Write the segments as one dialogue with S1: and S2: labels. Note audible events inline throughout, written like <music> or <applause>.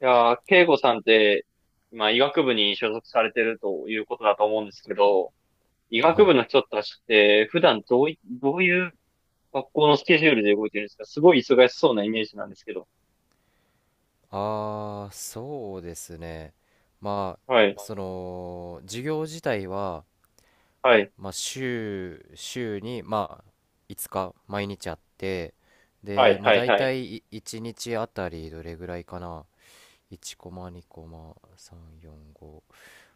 S1: いやー、慶吾さんって、まあ、医学部に所属されてるということだと思うんですけど、医学
S2: は
S1: 部
S2: い。
S1: の人たちって、普段どういう学校のスケジュールで動いてるんですか？すごい忙しそうなイメージなんですけど。
S2: ああ、そうですね。ま
S1: はい、
S2: あ、その、授業自体は、
S1: はい、
S2: まあ、週に、まあ、5日、毎日あって、
S1: は
S2: で、
S1: い、
S2: まあ、
S1: はい、
S2: 大
S1: はい。
S2: 体い1日あたりどれぐらいかな。1コマ、2コマ、3、4、5。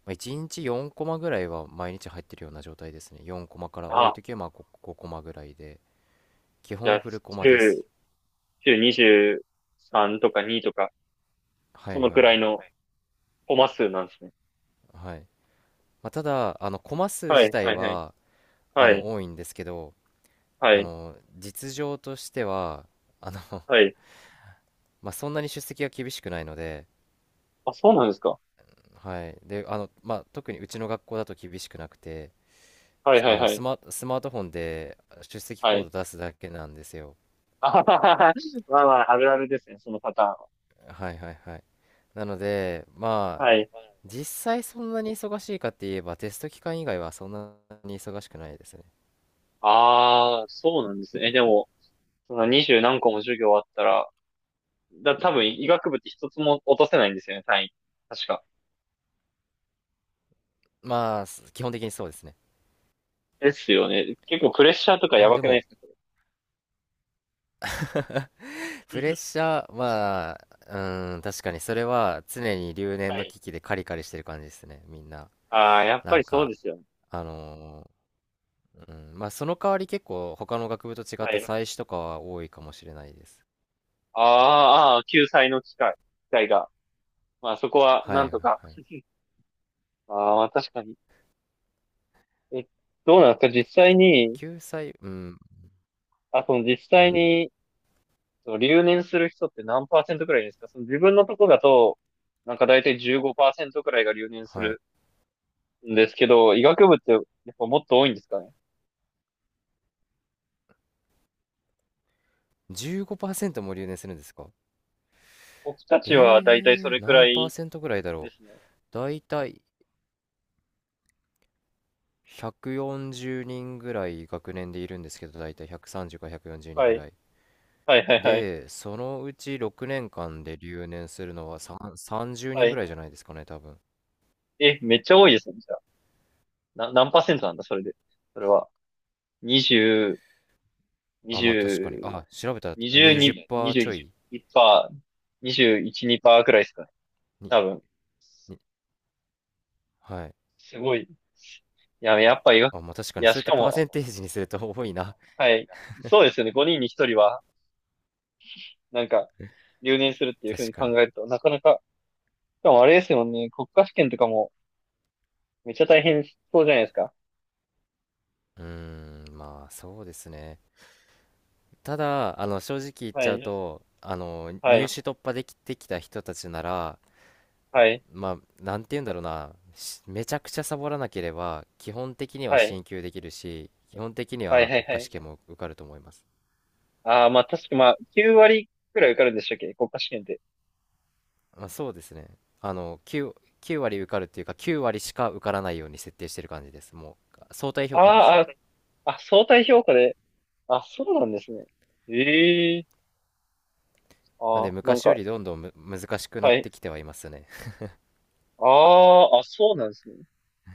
S2: まあ、1日4コマぐらいは毎日入ってるような状態ですね。4コマから多い
S1: あ、
S2: 時は、まあ、5、コマぐらいで。基
S1: じゃ
S2: 本
S1: あ、
S2: フルコマです。
S1: 週、週23とか2とか、
S2: は
S1: そ
S2: い
S1: の
S2: は
S1: くらい
S2: い
S1: のコマ数なんですね。
S2: はい。まあ、ただ、あの、コマ数
S1: は
S2: 自
S1: い、
S2: 体
S1: はい、はい、
S2: は、
S1: はい、
S2: 多いんですけど、
S1: はい、
S2: 実情としては、あの、
S1: はい。
S2: <laughs> まあ、そんなに出席が厳しくないので、
S1: あ、そうなんですか。
S2: はい、でまあ、特にうちの学校だと厳しくなくて、
S1: はい、はい、はい、
S2: スマートフォンで出席
S1: は
S2: コー
S1: い。
S2: ド出すだけなんですよ。
S1: <laughs> あははは、まあまあ、あるあるですね、そのパターンは。
S2: はいはいはい。なので、まあ、
S1: はい。
S2: 実際そんなに忙しいかって言えば、テスト期間以外はそんなに忙しくないですね。
S1: ああ、そうなんですね。え、でも、その二十何個も授業あったら、多分医学部って一つも落とせないんですよね、単位。確か。
S2: まあ、基本的にそうですね。
S1: ですよね。結構プレッシャーとかや
S2: まあ
S1: ば
S2: で
S1: くないで
S2: も、
S1: すか、それ。
S2: <laughs> プレッ
S1: <laughs>
S2: シャー、まあ、うん、確かにそれは常に留年
S1: は
S2: の
S1: い。
S2: 危機でカリカリしてる感じですね、みんな。
S1: ああ、やっ
S2: な
S1: ぱ
S2: ん
S1: りそう
S2: か、
S1: ですよね。
S2: あのうん、まあその代わり結構他の学部と違
S1: は
S2: って
S1: い。
S2: 祭祀とかは多いかもしれないです。
S1: ああ、ああ救済の機会、機会が。まあそこは、
S2: は
S1: な
S2: い
S1: ん
S2: はい
S1: とか。
S2: はい。
S1: <laughs> ああ、確かに。え、どうなんですか実際に、
S2: 救済、うん、
S1: あ、その実
S2: う
S1: 際
S2: ん、
S1: に、その留年する人って何パーセントくらいですか？その自分のとこだと、なんか大体15%くらいが留年す
S2: はい。
S1: るんですけど、医学部ってやっぱもっと多いんですかね。
S2: 15%も留年するんですか？
S1: 僕た
S2: え
S1: ちはだいたいそれく
S2: 何
S1: ら
S2: パー
S1: い
S2: セントぐらいだ
S1: で
S2: ろ
S1: すね。
S2: う。だいたい140人ぐらい学年でいるんですけど、だいたい130から140人
S1: は
S2: ぐ
S1: い。
S2: らい。
S1: はいはいはい。
S2: で、そのうち6年間で留年するのは、3、30
S1: は
S2: 人ぐ
S1: い。
S2: らいじゃないですかね、多分。
S1: え、めっちゃ多いですね、じゃあ。何パーセントなんだ、それで。それは。20、
S2: あ、まあ確かに。あ、調べた
S1: 20、
S2: ら
S1: 22、
S2: 20%ちょ
S1: 21
S2: い。
S1: パー、21、2パーくらいですかね。
S2: に、
S1: 多分。
S2: に、はい。
S1: すごい。いや、やっぱ医学、
S2: あ、まあ確か
S1: い
S2: に。
S1: や、
S2: そうや
S1: し
S2: って
S1: か
S2: パ
S1: も、
S2: ーセンテージにすると多いな。
S1: はい。そうですよね。5人に1人は、なんか、
S2: <laughs>
S1: 留年するっていうふう
S2: 確
S1: に
S2: か
S1: 考
S2: に。
S1: えると、なかなか、しかもあれですよね。国家試験とかも、めっちゃ大変そうじゃないですか。
S2: うーん、まあそうですね。ただ、正直言っ
S1: は
S2: ちゃう
S1: い。
S2: と、
S1: は
S2: 入
S1: い。
S2: 試突破できてきた人たちなら、
S1: はい。
S2: まあ、なんて言うんだろうな、めちゃくちゃサボらなければ、基本的に
S1: は
S2: は
S1: い。
S2: 進級できるし、基本的に
S1: はい。
S2: は
S1: はい。
S2: 国
S1: は
S2: 家試
S1: い。
S2: 験も受かると思います。
S1: ああ、まあ確かまあ、9割くらい受かるんでしたっけ国家試験って。
S2: まあ、そうですね。あの、9割受かるっていうか、9割しか受からないように設定してる感じです。もう、相対
S1: あ
S2: 評価です。
S1: あ、あ、あ、相対評価で。あ、そうなんですね。ええ
S2: なん
S1: あ
S2: で、
S1: あ、なん
S2: 昔よ
S1: か、
S2: りどんどん難しくな
S1: は
S2: っ
S1: い。
S2: てきてはいますね。
S1: ああ、あ、そうなんですね。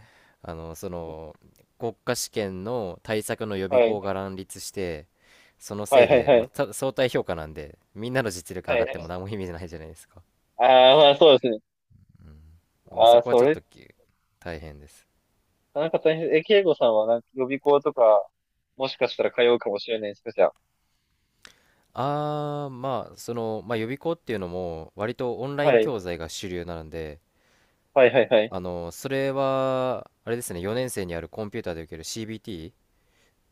S2: <laughs> あの、その、国家試験の対策の予
S1: は
S2: 備
S1: い。
S2: 校が乱立して、その
S1: は
S2: せ
S1: い、
S2: い
S1: はい、
S2: で、
S1: は
S2: まあ、
S1: い。
S2: 相対評価なんで、みんなの実力
S1: は
S2: 上がっても
S1: い。
S2: 何も意味ないじゃないですか。
S1: ああ、まあそうですね。
S2: うん、まあ、
S1: あ
S2: そ
S1: あ、
S2: こは
S1: そ
S2: ちょっ
S1: れ、
S2: と大変です。
S1: なんか大変。え、慶吾さんはなんか予備校とか、もしかしたら通うかもしれないですか、じゃあ。
S2: まあ、その、まあ、予備校っていうのも、割とオンライ
S1: は
S2: ン
S1: い。
S2: 教材が主流なので、
S1: はい、はい、はい。
S2: あの、それは、あれですね、4年生にあるコンピューターで受ける CBT っ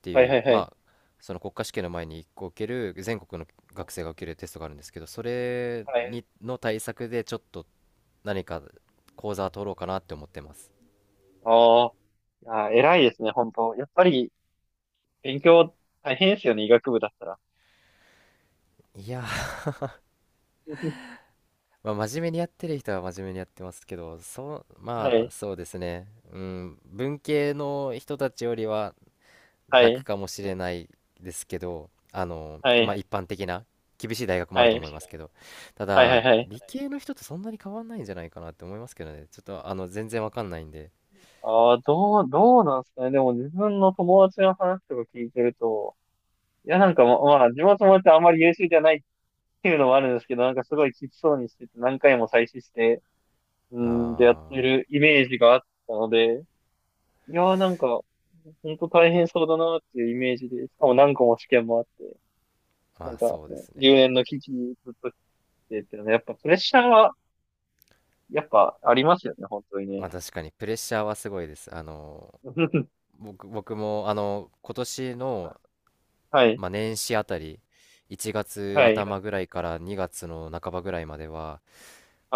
S2: て
S1: はい、
S2: い
S1: は
S2: う、
S1: い、はい。
S2: まあ、その国家試験の前に1個受ける、全国の学生が受けるテストがあるんですけど、それ
S1: はい。
S2: に、の対策で、ちょっと何か講座取ろうかなって思ってます。
S1: ああ。いやー、偉いですね、本当。やっぱり、勉強大変ですよね、医学部だったら。
S2: いやー、
S1: <laughs>
S2: まあ、真面目にやってる人は真面目にやってますけど、そう、
S1: は
S2: まあ、
S1: い、
S2: そうですね。うん、文系の人たちよりは
S1: は
S2: 楽
S1: い、
S2: かもしれないですけど、あの、
S1: はい、
S2: まあ、
S1: はい、
S2: 一般的な厳しい大学もある
S1: は
S2: と
S1: い、
S2: 思いますけど、た
S1: はい、
S2: だ、
S1: はい。
S2: 理系の人とそんなに変わんないんじゃないかなって思いますけどね。ちょっと、あの、全然わかんないんで。
S1: ああ、どうなんですかね。でも自分の友達の話とか聞いてると、いや、なんかまあ、自分の友達はあんまり優秀じゃないっていうのもあるんですけど、なんかすごいきつそうにしてて、何回も再試して、うん、でやって
S2: ああ、
S1: るイメージがあったので、いやー、なんか、本当大変そうだなっていうイメージで、しかも何個も試験もあって、な
S2: ま
S1: ん
S2: あ、
S1: か、
S2: そうですね。
S1: 留年の危機ずっとやっぱプレッシャーは、やっぱありますよね、本当にね。
S2: まあ、確かにプレッシャーはすごいです。あの、
S1: <laughs>
S2: 僕も、あの、今年の、
S1: はい、
S2: まあ、年始あたり、1月
S1: はい、
S2: 頭ぐらいから2月の半ばぐらいまでは、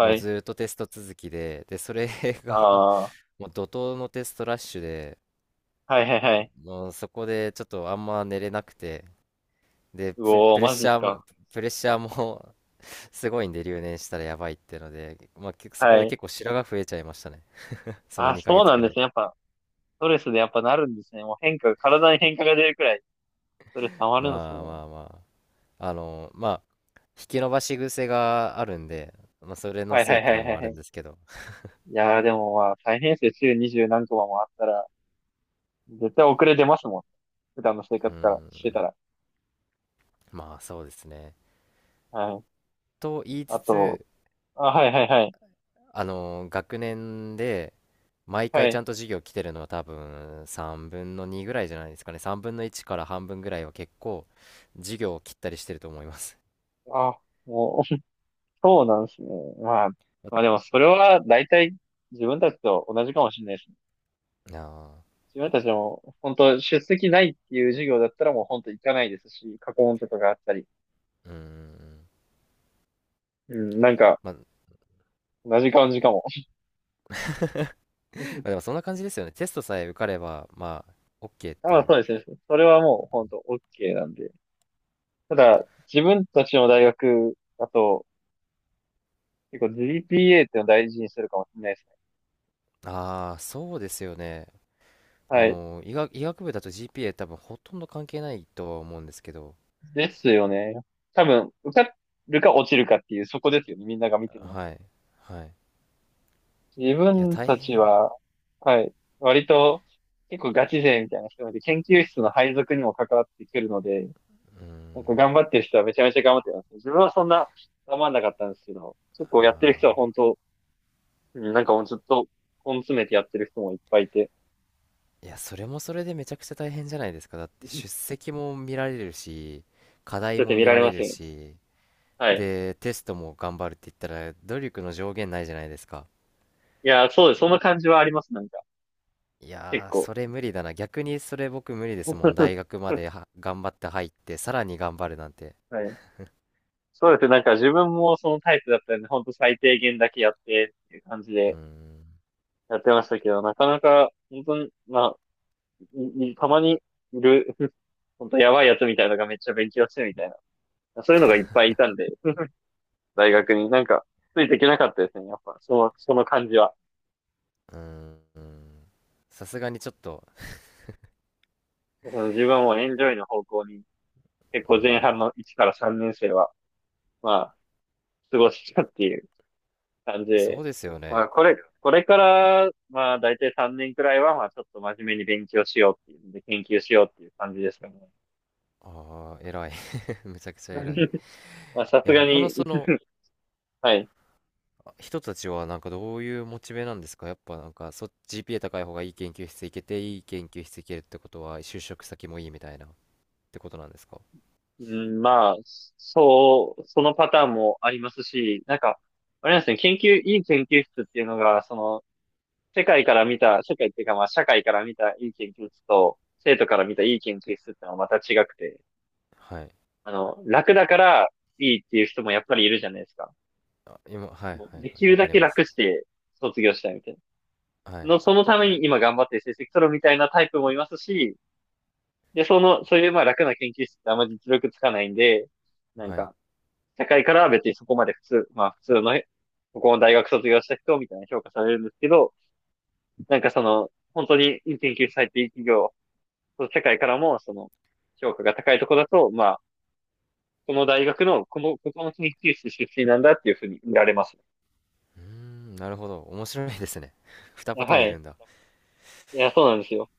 S2: もう
S1: い。
S2: ずーっとテスト続きで、で、それが
S1: ああ、
S2: <laughs> もう怒涛のテストラッシュで、
S1: はいはいはい。
S2: もうそこでちょっとあんま寝れなくて、で、
S1: う
S2: プレ、
S1: おー、
S2: プレッ
S1: マジ
S2: シ
S1: です
S2: ャー
S1: か。
S2: も、プレッシャーも <laughs> すごいんで、留年したらやばいっていうので、まあ、そ
S1: は
S2: こで
S1: い。
S2: 結構白髪増えちゃいましたね。<laughs> その
S1: あ、
S2: 2
S1: そ
S2: ヶ
S1: う
S2: 月
S1: な
S2: く
S1: んで
S2: ら
S1: す
S2: い。
S1: ね。やっぱ、ストレスでやっぱなるんですね。もう体に変化が出るくらい、ストレス溜まるんですね。
S2: まあまあまあ。あの、まあ、引き伸ばし癖があるんで、まあ、それの
S1: はい
S2: せい
S1: は
S2: っ
S1: い
S2: て
S1: は
S2: の
S1: いは
S2: も
S1: い
S2: ある
S1: は
S2: んで
S1: い。
S2: すけど、
S1: いやー、でもまあ、大変ですよ。週二十何コマもあったら、絶対遅れ出ますもん。普段の生
S2: うー
S1: 活からしてた
S2: ん、
S1: ら。
S2: まあそうですね。
S1: はい。
S2: と言いつ
S1: あと、
S2: つ、
S1: あ、はいはいはい。
S2: 学年で毎
S1: は
S2: 回ちゃ
S1: い。
S2: んと授業来てるのは多分3分の2ぐらいじゃないですかね。3分の1から半分ぐらいは結構授業を切ったりしてると思います。
S1: あ、もうそうなんですね。まあ、まあでもそれは大体自分たちと同じかもしれないですね。
S2: ああ、
S1: 自分たちも本当出席ないっていう授業だったらもう本当行かないですし、過去問とかがあったり。
S2: うーん。
S1: うん、なんか
S2: まあ、ま
S1: 同じ感じかも。
S2: あでも
S1: <laughs>
S2: そんな感じですよね。テストさえ受かれば、まあ、OK って
S1: まあ
S2: いう。
S1: そうですね。それはもう本当 OK なんで。ただ、自分たちの大学だと結構 GPA っていうのを大事にするかもしれないですね。
S2: ああ、そうですよね。あ
S1: はい。
S2: の、医学部だと GPA 多分ほとんど関係ないとは思うんですけど、
S1: ですよね。多分、受かるか落ちるかっていうそこですよね。みんなが見てるのっ
S2: は
S1: て。
S2: い、はい。
S1: 自
S2: いや、
S1: 分
S2: 大
S1: たち
S2: 変、
S1: は、はい、割と結構ガチ勢みたいな人で、研究室の配属にも関わってくるので、
S2: う
S1: なんか
S2: ん、
S1: 頑張ってる人はめちゃめちゃ頑張ってます。自分はそんな頑張んなかったんですけど、結構やってる人は本
S2: あ
S1: 当、うんなんかもうずっと根詰めてやってる人もいっぱいいて、
S2: いや、それもそれでめちゃくちゃ大変じゃないですか。だって出
S1: <laughs>
S2: 席も見られるし、課題
S1: だって
S2: も
S1: 見
S2: 見
S1: ら
S2: ら
S1: れま
S2: れ
S1: す
S2: る
S1: よね。
S2: し、
S1: はい。
S2: でテストも頑張るって言ったら努力の上限ないじゃないですか。
S1: いや、そうです。その感じはあります、なんか。
S2: い
S1: 結
S2: やー、そ
S1: 構。
S2: れ無理だな。逆にそれ僕無理ですもん。大
S1: <laughs>
S2: 学までは頑張って入って、さらに頑張るなんて。
S1: はい。そうですね。なんか自分もそのタイプだったんで、ほんと最低限だけやってっていう感じ
S2: うー
S1: で、
S2: ん、
S1: やってましたけど、なかなか、本当に、まあ、いいたまにいる、本当やばいやつみたいなのがめっちゃ勉強してるみたいな。そういうのがいっぱいいたん
S2: <laughs>
S1: で、大学になんか、ついていけなかったですね、やっぱ、その感じは。
S2: うーん、さすがにちょっと、
S1: 自分はもうエンジョイの方向に、結
S2: う
S1: 構前
S2: ん、
S1: 半の1から3年生は、まあ、過ごしたっていう感じ
S2: そ
S1: で、
S2: うですよ
S1: ま
S2: ね。
S1: あ、これから、まあ、大体3年くらいは、まあ、ちょっと真面目に勉強しようっていうんで、研究しようっていう感じですかね。
S2: ああ、偉い。<laughs> めちゃくちゃ偉い。い
S1: <laughs> まあ、さす
S2: や、
S1: が
S2: 他の
S1: に、
S2: その、
S1: はい。
S2: 人たちはなんかどういうモチベなんですか？やっぱなんかGPA 高い方がいい研究室行けて、いい研究室行けるってことは就職先もいいみたいな、ってことなんですか？
S1: うん、まあ、そう、そのパターンもありますし、なんか、あれなんですね、いい研究室っていうのが、その、世界っていうかまあ、社会から見たいい研究室と、生徒から見たいい研究室ってのはまた違くて、
S2: はい、
S1: 楽だからいいっていう人もやっぱりいるじゃないですか。
S2: あ、今、はいはい
S1: もう
S2: はい、
S1: できる
S2: わか
S1: だ
S2: り
S1: け
S2: ま
S1: 楽
S2: す。
S1: して卒業したいみたい
S2: は
S1: な。
S2: い
S1: そのために今頑張って成績取るみたいなタイプもいますし、で、そういうまあ楽な研究室ってあんまり実力つかないんで、なん
S2: はい。
S1: か、社会からは別にそこまで普通、まあ普通の、ここの大学卒業した人みたいな評価されるんですけど、なんかその、本当に研究されていう企業、その社会からもその、評価が高いとこだと、まあ、この大学の、ここの研究室出身なんだっていうふうに見られますね。
S2: うーん、なるほど。面白いですね。<laughs> 2パター
S1: は
S2: ンい
S1: い。
S2: るんだ。
S1: いや、そうなんですよ。